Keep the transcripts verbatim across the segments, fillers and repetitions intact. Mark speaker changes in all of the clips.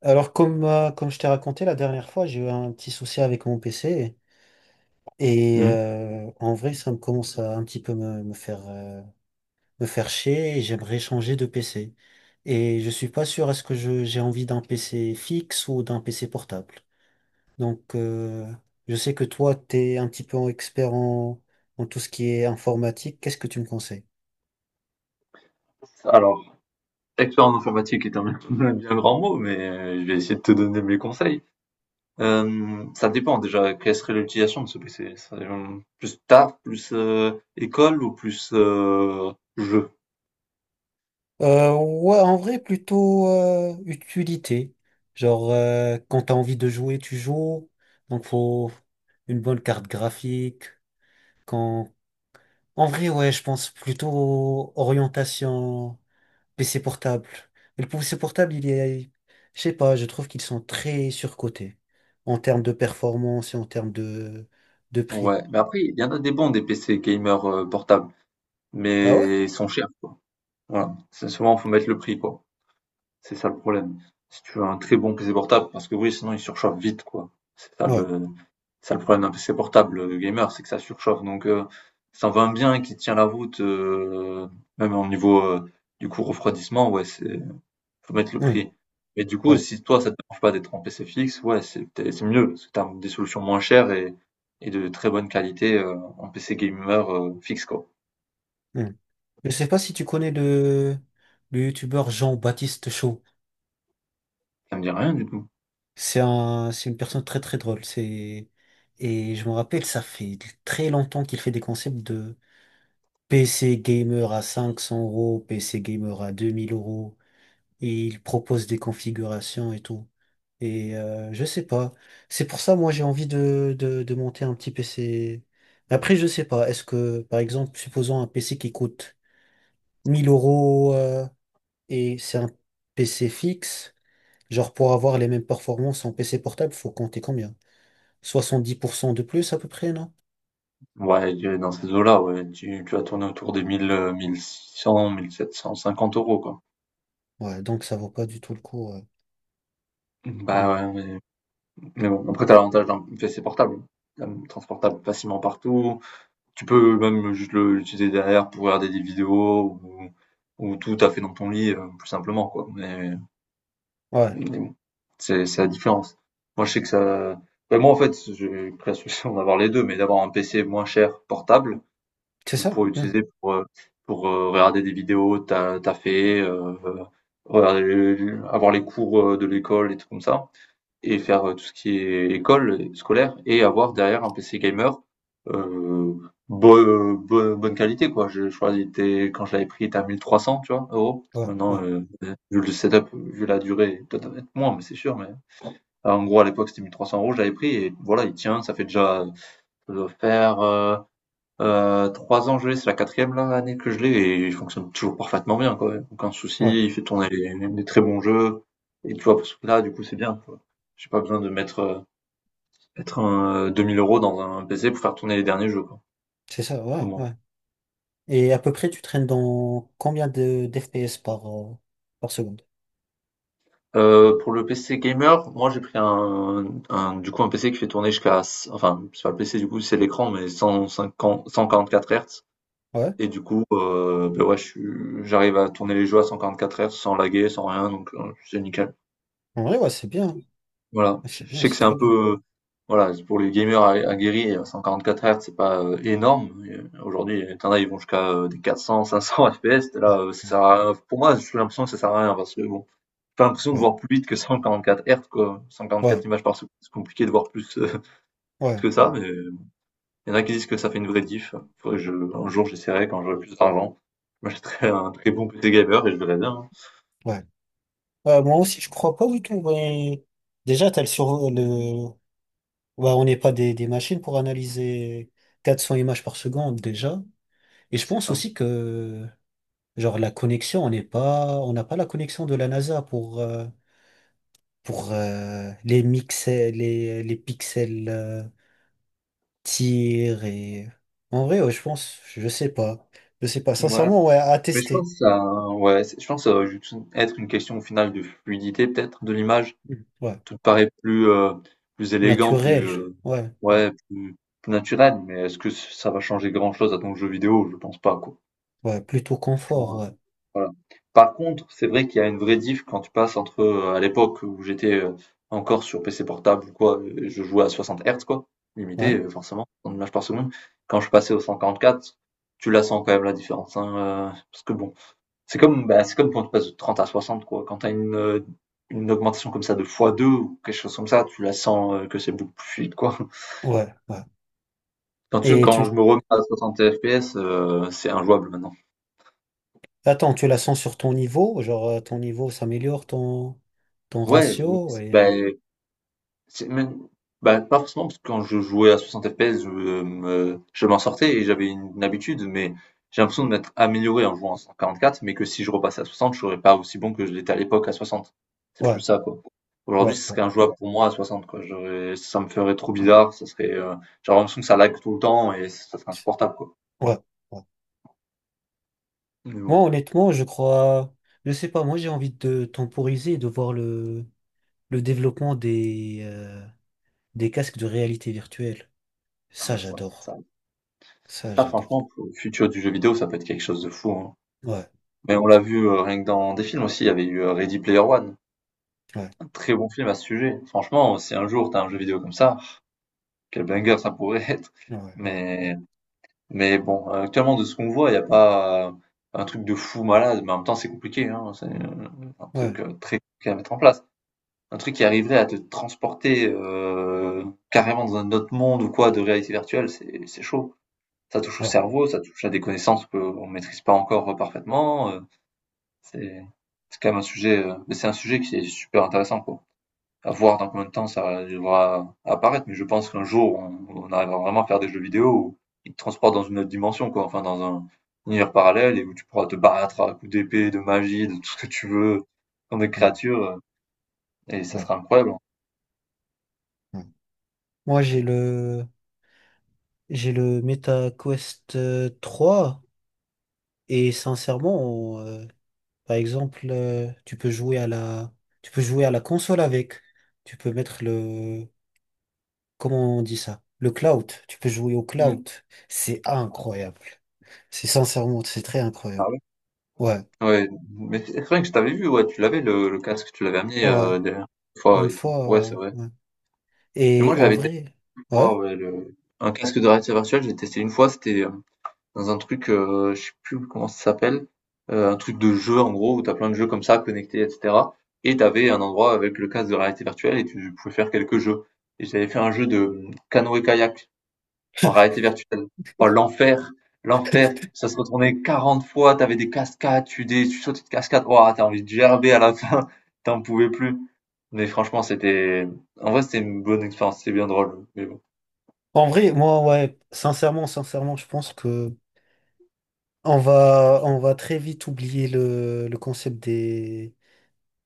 Speaker 1: Alors, comme, euh, comme je t'ai raconté la dernière fois, j'ai eu un petit souci avec mon P C. Et
Speaker 2: Mmh.
Speaker 1: euh, en vrai, ça me commence à un petit peu me, me faire, euh, me faire chier, et j'aimerais changer de P C. Et je suis pas sûr, est-ce que je, j'ai envie d'un P C fixe ou d'un P C portable? Donc, euh, je sais que toi, t'es un petit peu expert en, en tout ce qui est informatique. Qu'est-ce que tu me conseilles?
Speaker 2: Alors, expérience informatique est un un bien grand mot, mais euh, je vais essayer de te donner mes conseils. Euh, ça dépend déjà, quelle serait l'utilisation de ce P C? Ça, euh, Plus taf, plus euh, école ou plus euh, jeu?
Speaker 1: Euh, ouais, en vrai, plutôt euh, utilité. Genre, euh, quand t'as envie de jouer, tu joues. Donc, faut une bonne carte graphique. Quand... En vrai, ouais, je pense plutôt orientation P C portable. Et le P C portable, il est... Je sais pas, je trouve qu'ils sont très surcotés en termes de performance et en termes de, de prix.
Speaker 2: Ouais, mais après, il y en a des bons, des P C gamers euh, portables,
Speaker 1: Ah ouais?
Speaker 2: mais ils sont chers, quoi. Voilà, c'est souvent, faut mettre le prix, quoi. C'est ça le problème. Si tu veux un très bon P C portable, parce que oui, sinon il surchauffe vite, quoi. C'est ça
Speaker 1: Ouais.
Speaker 2: le, C'est ça le problème d'un P C portable, heu, gamer, c'est que ça surchauffe donc heu, ça en va bien qui tient la route, heu, même au niveau, heu, du coup refroidissement, ouais, c'est faut mettre le
Speaker 1: Hmm,
Speaker 2: prix. Mais du coup,
Speaker 1: ouais.
Speaker 2: si toi ça te dérange pas d'être en P C fixe, ouais, c'est peut-être c'est mieux, parce que tu des solutions moins chères et et de très bonne qualité, heu, en P C gamer, heu, fixe quoi.
Speaker 1: Hmm. Je sais pas si tu connais le, le youtubeur Jean-Baptiste Chaud.
Speaker 2: Ça me dit rien du tout.
Speaker 1: C'est un, c'est une personne très très drôle. C'est, et je me rappelle, ça fait très longtemps qu'il fait des concepts de P C gamer à cinq cents euros, P C gamer à deux mille euros, et il propose des configurations et tout. Et euh, je sais pas. C'est pour ça, moi, j'ai envie de, de, de monter un petit P C. Après, je sais pas. Est-ce que, par exemple, supposons un P C qui coûte mille euros, euh, et c'est un P C fixe, genre pour avoir les mêmes performances en P C portable, faut compter combien? Soixante-dix pour cent de plus à peu près, non?
Speaker 2: Ouais, tu dans ces eaux-là, ouais, tu tu vas tourner autour des mille, heu, mille sept cent cinquante euros quoi.
Speaker 1: Ouais, donc ça vaut pas du tout le coup. Ouais.
Speaker 2: Bah
Speaker 1: Hmm.
Speaker 2: ouais, mais Mais bon, après, t'as l'avantage d'un P C portable, quand même, transportable facilement partout. Tu peux même juste le- l'utiliser derrière pour regarder des vidéos ou, ou tout à fait dans ton lit, euh, plus simplement, quoi. Mais,
Speaker 1: Ouais,
Speaker 2: mais bon, c'est c'est la différence. Moi, je sais que ça. Ben, moi, en fait, j'ai pris la solution d'avoir les deux, mais d'avoir un P C moins cher, portable, que
Speaker 1: c'est
Speaker 2: tu
Speaker 1: ça.
Speaker 2: pourrais
Speaker 1: Hmm.
Speaker 2: utiliser pour, euh, pour euh, regarder des vidéos, t'as, t'as fait, euh, euh, regarder, avoir les cours euh, de l'école et tout comme ça et faire euh, tout ce qui est école scolaire et avoir derrière un P C gamer euh, bo- euh, bo- bonne qualité quoi. Je, je crois qu'il était quand je l'avais pris il était à mille trois cents tu vois euros.
Speaker 1: Ouais, ouais,
Speaker 2: Maintenant euh, vu le setup, vu la durée, peut-être être moins mais c'est sûr mais alors, en gros à l'époque c'était mille trois cents euros je l'avais pris et voilà il tient ça fait déjà ça doit faire euh, euh, trois ans que je l'ai c'est la quatrième là, année que je l'ai et il fonctionne toujours parfaitement bien quoi. Aucun souci
Speaker 1: ouais,
Speaker 2: il fait tourner des des très bons jeux et tu vois pour ce là du coup c'est bien quoi. J'ai pas besoin de mettre euh, Mettre un deux mille euros dans un P C pour faire tourner les derniers jeux, quoi,
Speaker 1: c'est ça.
Speaker 2: au
Speaker 1: Ouais,
Speaker 2: moins.
Speaker 1: ouais. Et à peu près, tu traînes dans combien de d'F P S par, euh, par seconde?
Speaker 2: Heu, pour le P C gamer, moi j'ai pris un un du coup un P C qui fait tourner jusqu'à enfin c'est pas le P C du coup c'est l'écran mais cent cinquante cent quarante-quatre Hz
Speaker 1: Ouais,
Speaker 2: et du coup, heu, bah ouais je suis j'arrive à tourner les jeux à cent quarante-quatre Hz sans laguer, sans rien donc, heu, c'est nickel.
Speaker 1: en vrai, ouais, c'est bien, hein.
Speaker 2: Voilà,
Speaker 1: Ouais, c'est
Speaker 2: je je
Speaker 1: bien,
Speaker 2: sais que
Speaker 1: c'est
Speaker 2: c'est
Speaker 1: très
Speaker 2: un
Speaker 1: bien.
Speaker 2: peu, voilà, c'est pour les gamers a- aguerris, euh, cent quarante-quatre Hz, c'est pas euh, énorme. Et, euh, Aujourd'hui, il y en a, ils vont jusqu'à euh, des quatre cents, cinq cents F P S. Là,
Speaker 1: Ouais,
Speaker 2: euh, ça sert à rien. Pour moi, j'ai l'impression que ça sert à rien parce que bon, j'ai pas l'impression de
Speaker 1: ouais,
Speaker 2: voir plus vite que cent quarante-quatre Hz, quoi.
Speaker 1: ouais,
Speaker 2: cent quarante-quatre images par seconde, c'est compliqué de voir plus, euh, plus
Speaker 1: ouais,
Speaker 2: que
Speaker 1: ouais,
Speaker 2: ça,
Speaker 1: ouais.
Speaker 2: mais euh, il y en a qui disent que ça fait une vraie diff. Faudrait que je, un jour, j'essaierai quand j'aurai plus d'argent. Je m'achèterai un très bon P C gamer et je verrai bien. Hein.
Speaker 1: Ouais. Euh, moi aussi, je crois pas du tout. Ouais. Déjà, t'as le sur le. Ouais, on n'est pas des, des machines pour analyser quatre cents images par seconde déjà. Et je
Speaker 2: C'est
Speaker 1: pense
Speaker 2: ça.
Speaker 1: aussi que genre la connexion, on n'est pas, on n'a pas la connexion de la NASA pour, euh, pour euh, les mixels, les, les pixels, euh, tir et. En vrai, ouais, je pense, je sais pas. Je sais pas.
Speaker 2: Voilà.
Speaker 1: Sincèrement, ouais, à
Speaker 2: Mais je
Speaker 1: tester.
Speaker 2: pense que ça, ouais, c'est je pense que ça va juste être une question au final de fluidité peut-être de l'image.
Speaker 1: Mm. Ouais.
Speaker 2: Tout paraît plus, heu, plus élégant, plus,
Speaker 1: Naturel.
Speaker 2: heu,
Speaker 1: Ouais, ouais.
Speaker 2: ouais, plus plus naturel, mais est-ce que ça va changer grand-chose à ton jeu vidéo? Je pense pas, quoi.
Speaker 1: Ouais, plutôt confort,
Speaker 2: Franchement,
Speaker 1: ouais.
Speaker 2: heu, voilà. Par contre, c'est vrai qu'il y a une vraie diff quand tu passes entre, heu, à l'époque où j'étais, heu, encore sur P C portable ou quoi, heu, je jouais à soixante Hz quoi, limité,
Speaker 1: Ouais,
Speaker 2: heu, forcément, en images par seconde. Quand je passais au cent quarante-quatre, tu la sens quand même la différence, hein, heu, parce que bon c'est comme, bah, c'est comme quand tu passes de trente à soixante quoi. Quand tu as une, heu, une augmentation comme ça de x deux ou quelque chose comme ça, tu la sens, heu, que c'est beaucoup plus fluide, quoi.
Speaker 1: ouais, ouais.
Speaker 2: Quand tu
Speaker 1: Et
Speaker 2: quand
Speaker 1: tu.
Speaker 2: je me remets à soixante F P S, heu, c'est injouable maintenant.
Speaker 1: Attends, tu la sens sur ton niveau? Genre, euh, ton niveau s'améliore, ton, ton
Speaker 2: Ouais, oui, oui.
Speaker 1: ratio
Speaker 2: c'est bah
Speaker 1: et.
Speaker 2: C'est même, bah, pas forcément, parce que quand je jouais à soixante F P S, je euh, me je m'en sortais et j'avais une habitude, mais j'ai l'impression de m'être amélioré en jouant en cent quarante-quatre, mais que si je repassais à soixante, je serais pas aussi bon que je l'étais à l'époque à soixante. C'est plus
Speaker 1: Ouais,
Speaker 2: ça, quoi.
Speaker 1: ouais,
Speaker 2: Aujourd'hui, ce
Speaker 1: ouais.
Speaker 2: serait injouable pour moi à soixante, quoi. J'aurais- ça me ferait trop bizarre, ça serait, euh, j'aurais l'impression que ça lag tout le temps et ça serait insupportable, quoi.
Speaker 1: Ouais. Ouais.
Speaker 2: Mais
Speaker 1: Moi,
Speaker 2: bon,
Speaker 1: honnêtement, je crois, je sais pas, moi j'ai envie de temporiser et de voir le, le développement des, euh, des casques de réalité virtuelle.
Speaker 2: ah
Speaker 1: Ça,
Speaker 2: bah, ça,
Speaker 1: j'adore.
Speaker 2: ça,
Speaker 1: Ça,
Speaker 2: ça,
Speaker 1: j'adore.
Speaker 2: franchement, pour le futur du jeu vidéo, ça peut être quelque chose de fou, hein.
Speaker 1: Ouais,
Speaker 2: Mais on l'a vu euh, rien que dans des films aussi, il y avait eu euh, Ready Player One.
Speaker 1: ouais,
Speaker 2: Un très bon film à ce sujet. Franchement, si un jour t'as un jeu vidéo comme ça, quel banger ça pourrait être.
Speaker 1: ouais, ouais, ouais,
Speaker 2: Mais, mais bon, actuellement, de ce qu'on voit, il n'y a pas euh, un truc de fou malade, mais en même temps, c'est compliqué, hein. C'est euh, un
Speaker 1: ouais,
Speaker 2: truc euh, très compliqué à mettre en place. Un truc qui arriverait à te transporter euh, carrément dans un autre monde ou quoi de réalité virtuelle, c'est, c'est chaud. Ça touche au
Speaker 1: ouais,
Speaker 2: cerveau, ça touche à des connaissances qu'on ne maîtrise pas encore parfaitement. euh, C'est, c'est quand même un sujet, euh, mais c'est un sujet qui est super intéressant, quoi. À voir dans combien de temps ça devra apparaître, mais je pense qu'un jour, on, on arrivera vraiment à faire des jeux vidéo où ils te transportent dans une autre dimension, quoi. Enfin, dans un univers parallèle et où tu pourras te battre à coups d'épée, de magie, de tout ce que tu veux, contre des
Speaker 1: ouais,
Speaker 2: créatures, euh, et ça
Speaker 1: ouais,
Speaker 2: sera incroyable.
Speaker 1: ouais. Moi, j'ai le, j'ai le Meta Quest euh, trois, et sincèrement, euh, par exemple, euh, tu peux jouer à la, tu peux jouer à la console avec. Tu peux mettre le, comment on dit ça? Le cloud. Tu peux jouer au cloud.
Speaker 2: Hmm.
Speaker 1: C'est incroyable. C'est sincèrement, c'est très incroyable.
Speaker 2: Ah ouais?
Speaker 1: Ouais,
Speaker 2: Ouais, mais c'est c'est vrai que je t'avais vu, ouais, tu l'avais le, le casque, tu l'avais amené
Speaker 1: ouais.
Speaker 2: euh, dernière fois
Speaker 1: Une
Speaker 2: et tout.
Speaker 1: fois,
Speaker 2: Ouais,
Speaker 1: ouais,
Speaker 2: c'est vrai.
Speaker 1: ouais.
Speaker 2: Mais
Speaker 1: Et
Speaker 2: moi,
Speaker 1: en
Speaker 2: j'avais testé
Speaker 1: vrai,
Speaker 2: une fois,
Speaker 1: ouais.
Speaker 2: ouais, le... un casque de réalité virtuelle, j'ai testé une fois, c'était euh, dans un truc, euh, je sais plus comment ça s'appelle, euh, un truc de jeu en gros, où t'as plein de jeux comme ça, connectés, et cetera. Et t'avais un endroit avec le casque de réalité virtuelle et tu pouvais faire quelques jeux. Et j'avais fait un jeu de canoë-kayak en réalité virtuelle. Oh, l'enfer! L'enfer! Ça se retournait quarante fois, t'avais des cascades, tu, des, tu sautais de cascades, oh, t'as envie de gerber à la fin, t'en pouvais plus. Mais franchement, c'était, en vrai, c'était une bonne expérience, c'était bien drôle. Mais bon.
Speaker 1: En vrai, moi, ouais, sincèrement, sincèrement, je pense que On va, on va très vite oublier le, le concept des,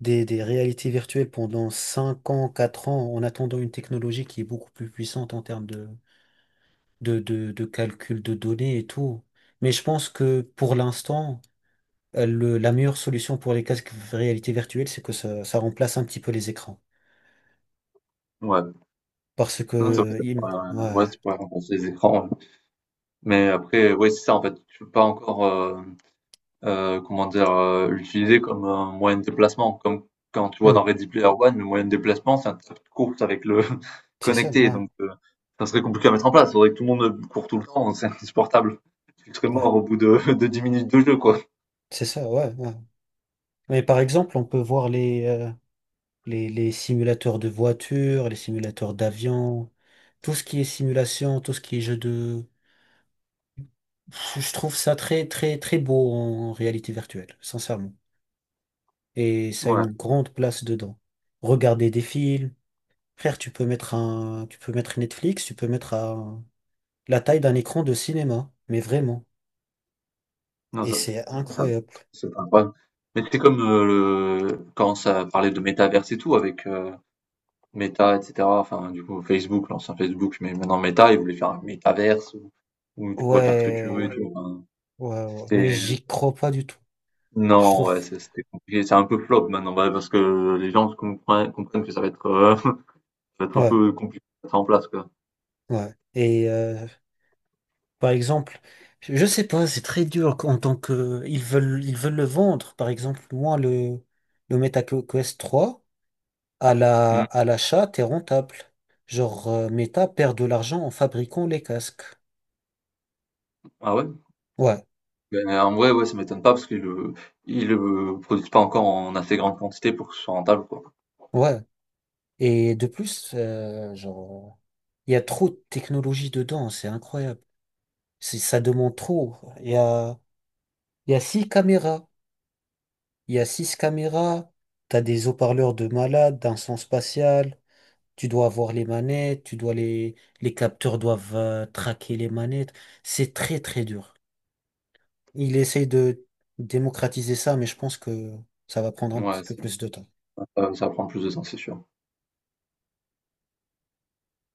Speaker 1: des, des réalités virtuelles pendant cinq ans, quatre ans, en attendant une technologie qui est beaucoup plus puissante en termes de, de, de, de calcul de données et tout. Mais je pense que pour l'instant, euh, le- la meilleure solution pour les casques de réalité virtuelle, c'est que ça, ça remplace un petit peu les écrans.
Speaker 2: Ouais.
Speaker 1: Parce
Speaker 2: Non, c'est vrai,
Speaker 1: que,
Speaker 2: c'est
Speaker 1: il-
Speaker 2: pas,
Speaker 1: ouais.
Speaker 2: ouais, c'est pas remplacer les écrans. Ouais. Mais après, ouais, c'est ça, en fait, tu peux pas encore, euh, euh, comment dire, euh, l'utiliser comme un moyen de déplacement. Comme quand tu vois dans
Speaker 1: Hmm.
Speaker 2: Ready Player One, le moyen de déplacement, c'est un tas de course avec le
Speaker 1: C'est ça,
Speaker 2: connecté.
Speaker 1: ouais,
Speaker 2: Donc, euh, ça serait compliqué à mettre en place. Il faudrait que tout le monde court tout le temps. C'est insupportable. Tu serais mort
Speaker 1: ouais,
Speaker 2: au bout de, de dix minutes de jeu, quoi.
Speaker 1: c'est ça, ouais, ouais. Mais par exemple, on peut voir les, euh, les, les simulateurs de voitures, les simulateurs d'avions, tout ce qui est simulation, tout ce qui est jeu de... Je trouve ça très, très, très beau en réalité virtuelle, sincèrement. Et ça a
Speaker 2: Ouais.
Speaker 1: une grande place dedans. Regarder des films. Frère, tu peux mettre un, tu peux mettre Netflix, tu peux mettre un- la taille d'un écran de cinéma. Mais vraiment.
Speaker 2: Non,
Speaker 1: Et
Speaker 2: ça,
Speaker 1: c'est
Speaker 2: ça, ça-
Speaker 1: incroyable.
Speaker 2: c'est pas grave. Mais c'est comme euh, le... quand ça parlait de métaverse et tout avec euh, Meta, et cetera. Enfin, du coup, Facebook, l'ancien Facebook, mais maintenant Meta, ils voulaient faire un métaverse où où tu pourrais faire ce que tu veux et
Speaker 1: Ouais,
Speaker 2: tout. Enfin,
Speaker 1: ouais, ouais. Mais
Speaker 2: c'était...
Speaker 1: j'y crois pas du tout. Je
Speaker 2: Non,
Speaker 1: trouve.
Speaker 2: ouais, c'est- c'était compliqué. C'est un peu flop maintenant, bah, parce que les gens comprennent, comprennent que ça va être, euh, ça va être un
Speaker 1: Ouais,
Speaker 2: peu compliqué à mettre en place, quoi.
Speaker 1: ouais. Et, euh, par exemple, je sais pas, c'est très dur en tant que ils veulent ils veulent le vendre. Par exemple, moi le le MetaQuest trois, à la
Speaker 2: Hmm.
Speaker 1: à l'achat, t'es rentable. Genre euh, Meta perd de l'argent en fabriquant les casques.
Speaker 2: Ah ouais?
Speaker 1: Ouais,
Speaker 2: Ben, en vrai, ouais, ça m'étonne pas parce qu'ils le, ils le produisent pas encore en assez grande quantité pour que ce soit rentable, quoi.
Speaker 1: ouais. Et de plus, euh, genre il y a trop de technologie dedans, c'est incroyable. C'est- ça demande trop. Il y a il y a six caméras, il y a six caméras. T'as des haut-parleurs de malade, d'un son spatial. Tu dois avoir les manettes, tu dois les, les capteurs doivent euh, traquer les manettes. C'est très, très dur. Il essaye de démocratiser ça, mais je pense que ça va prendre un petit
Speaker 2: Ouais,
Speaker 1: peu
Speaker 2: ça
Speaker 1: plus de temps.
Speaker 2: ça ça prend plus de temps, c'est sûr.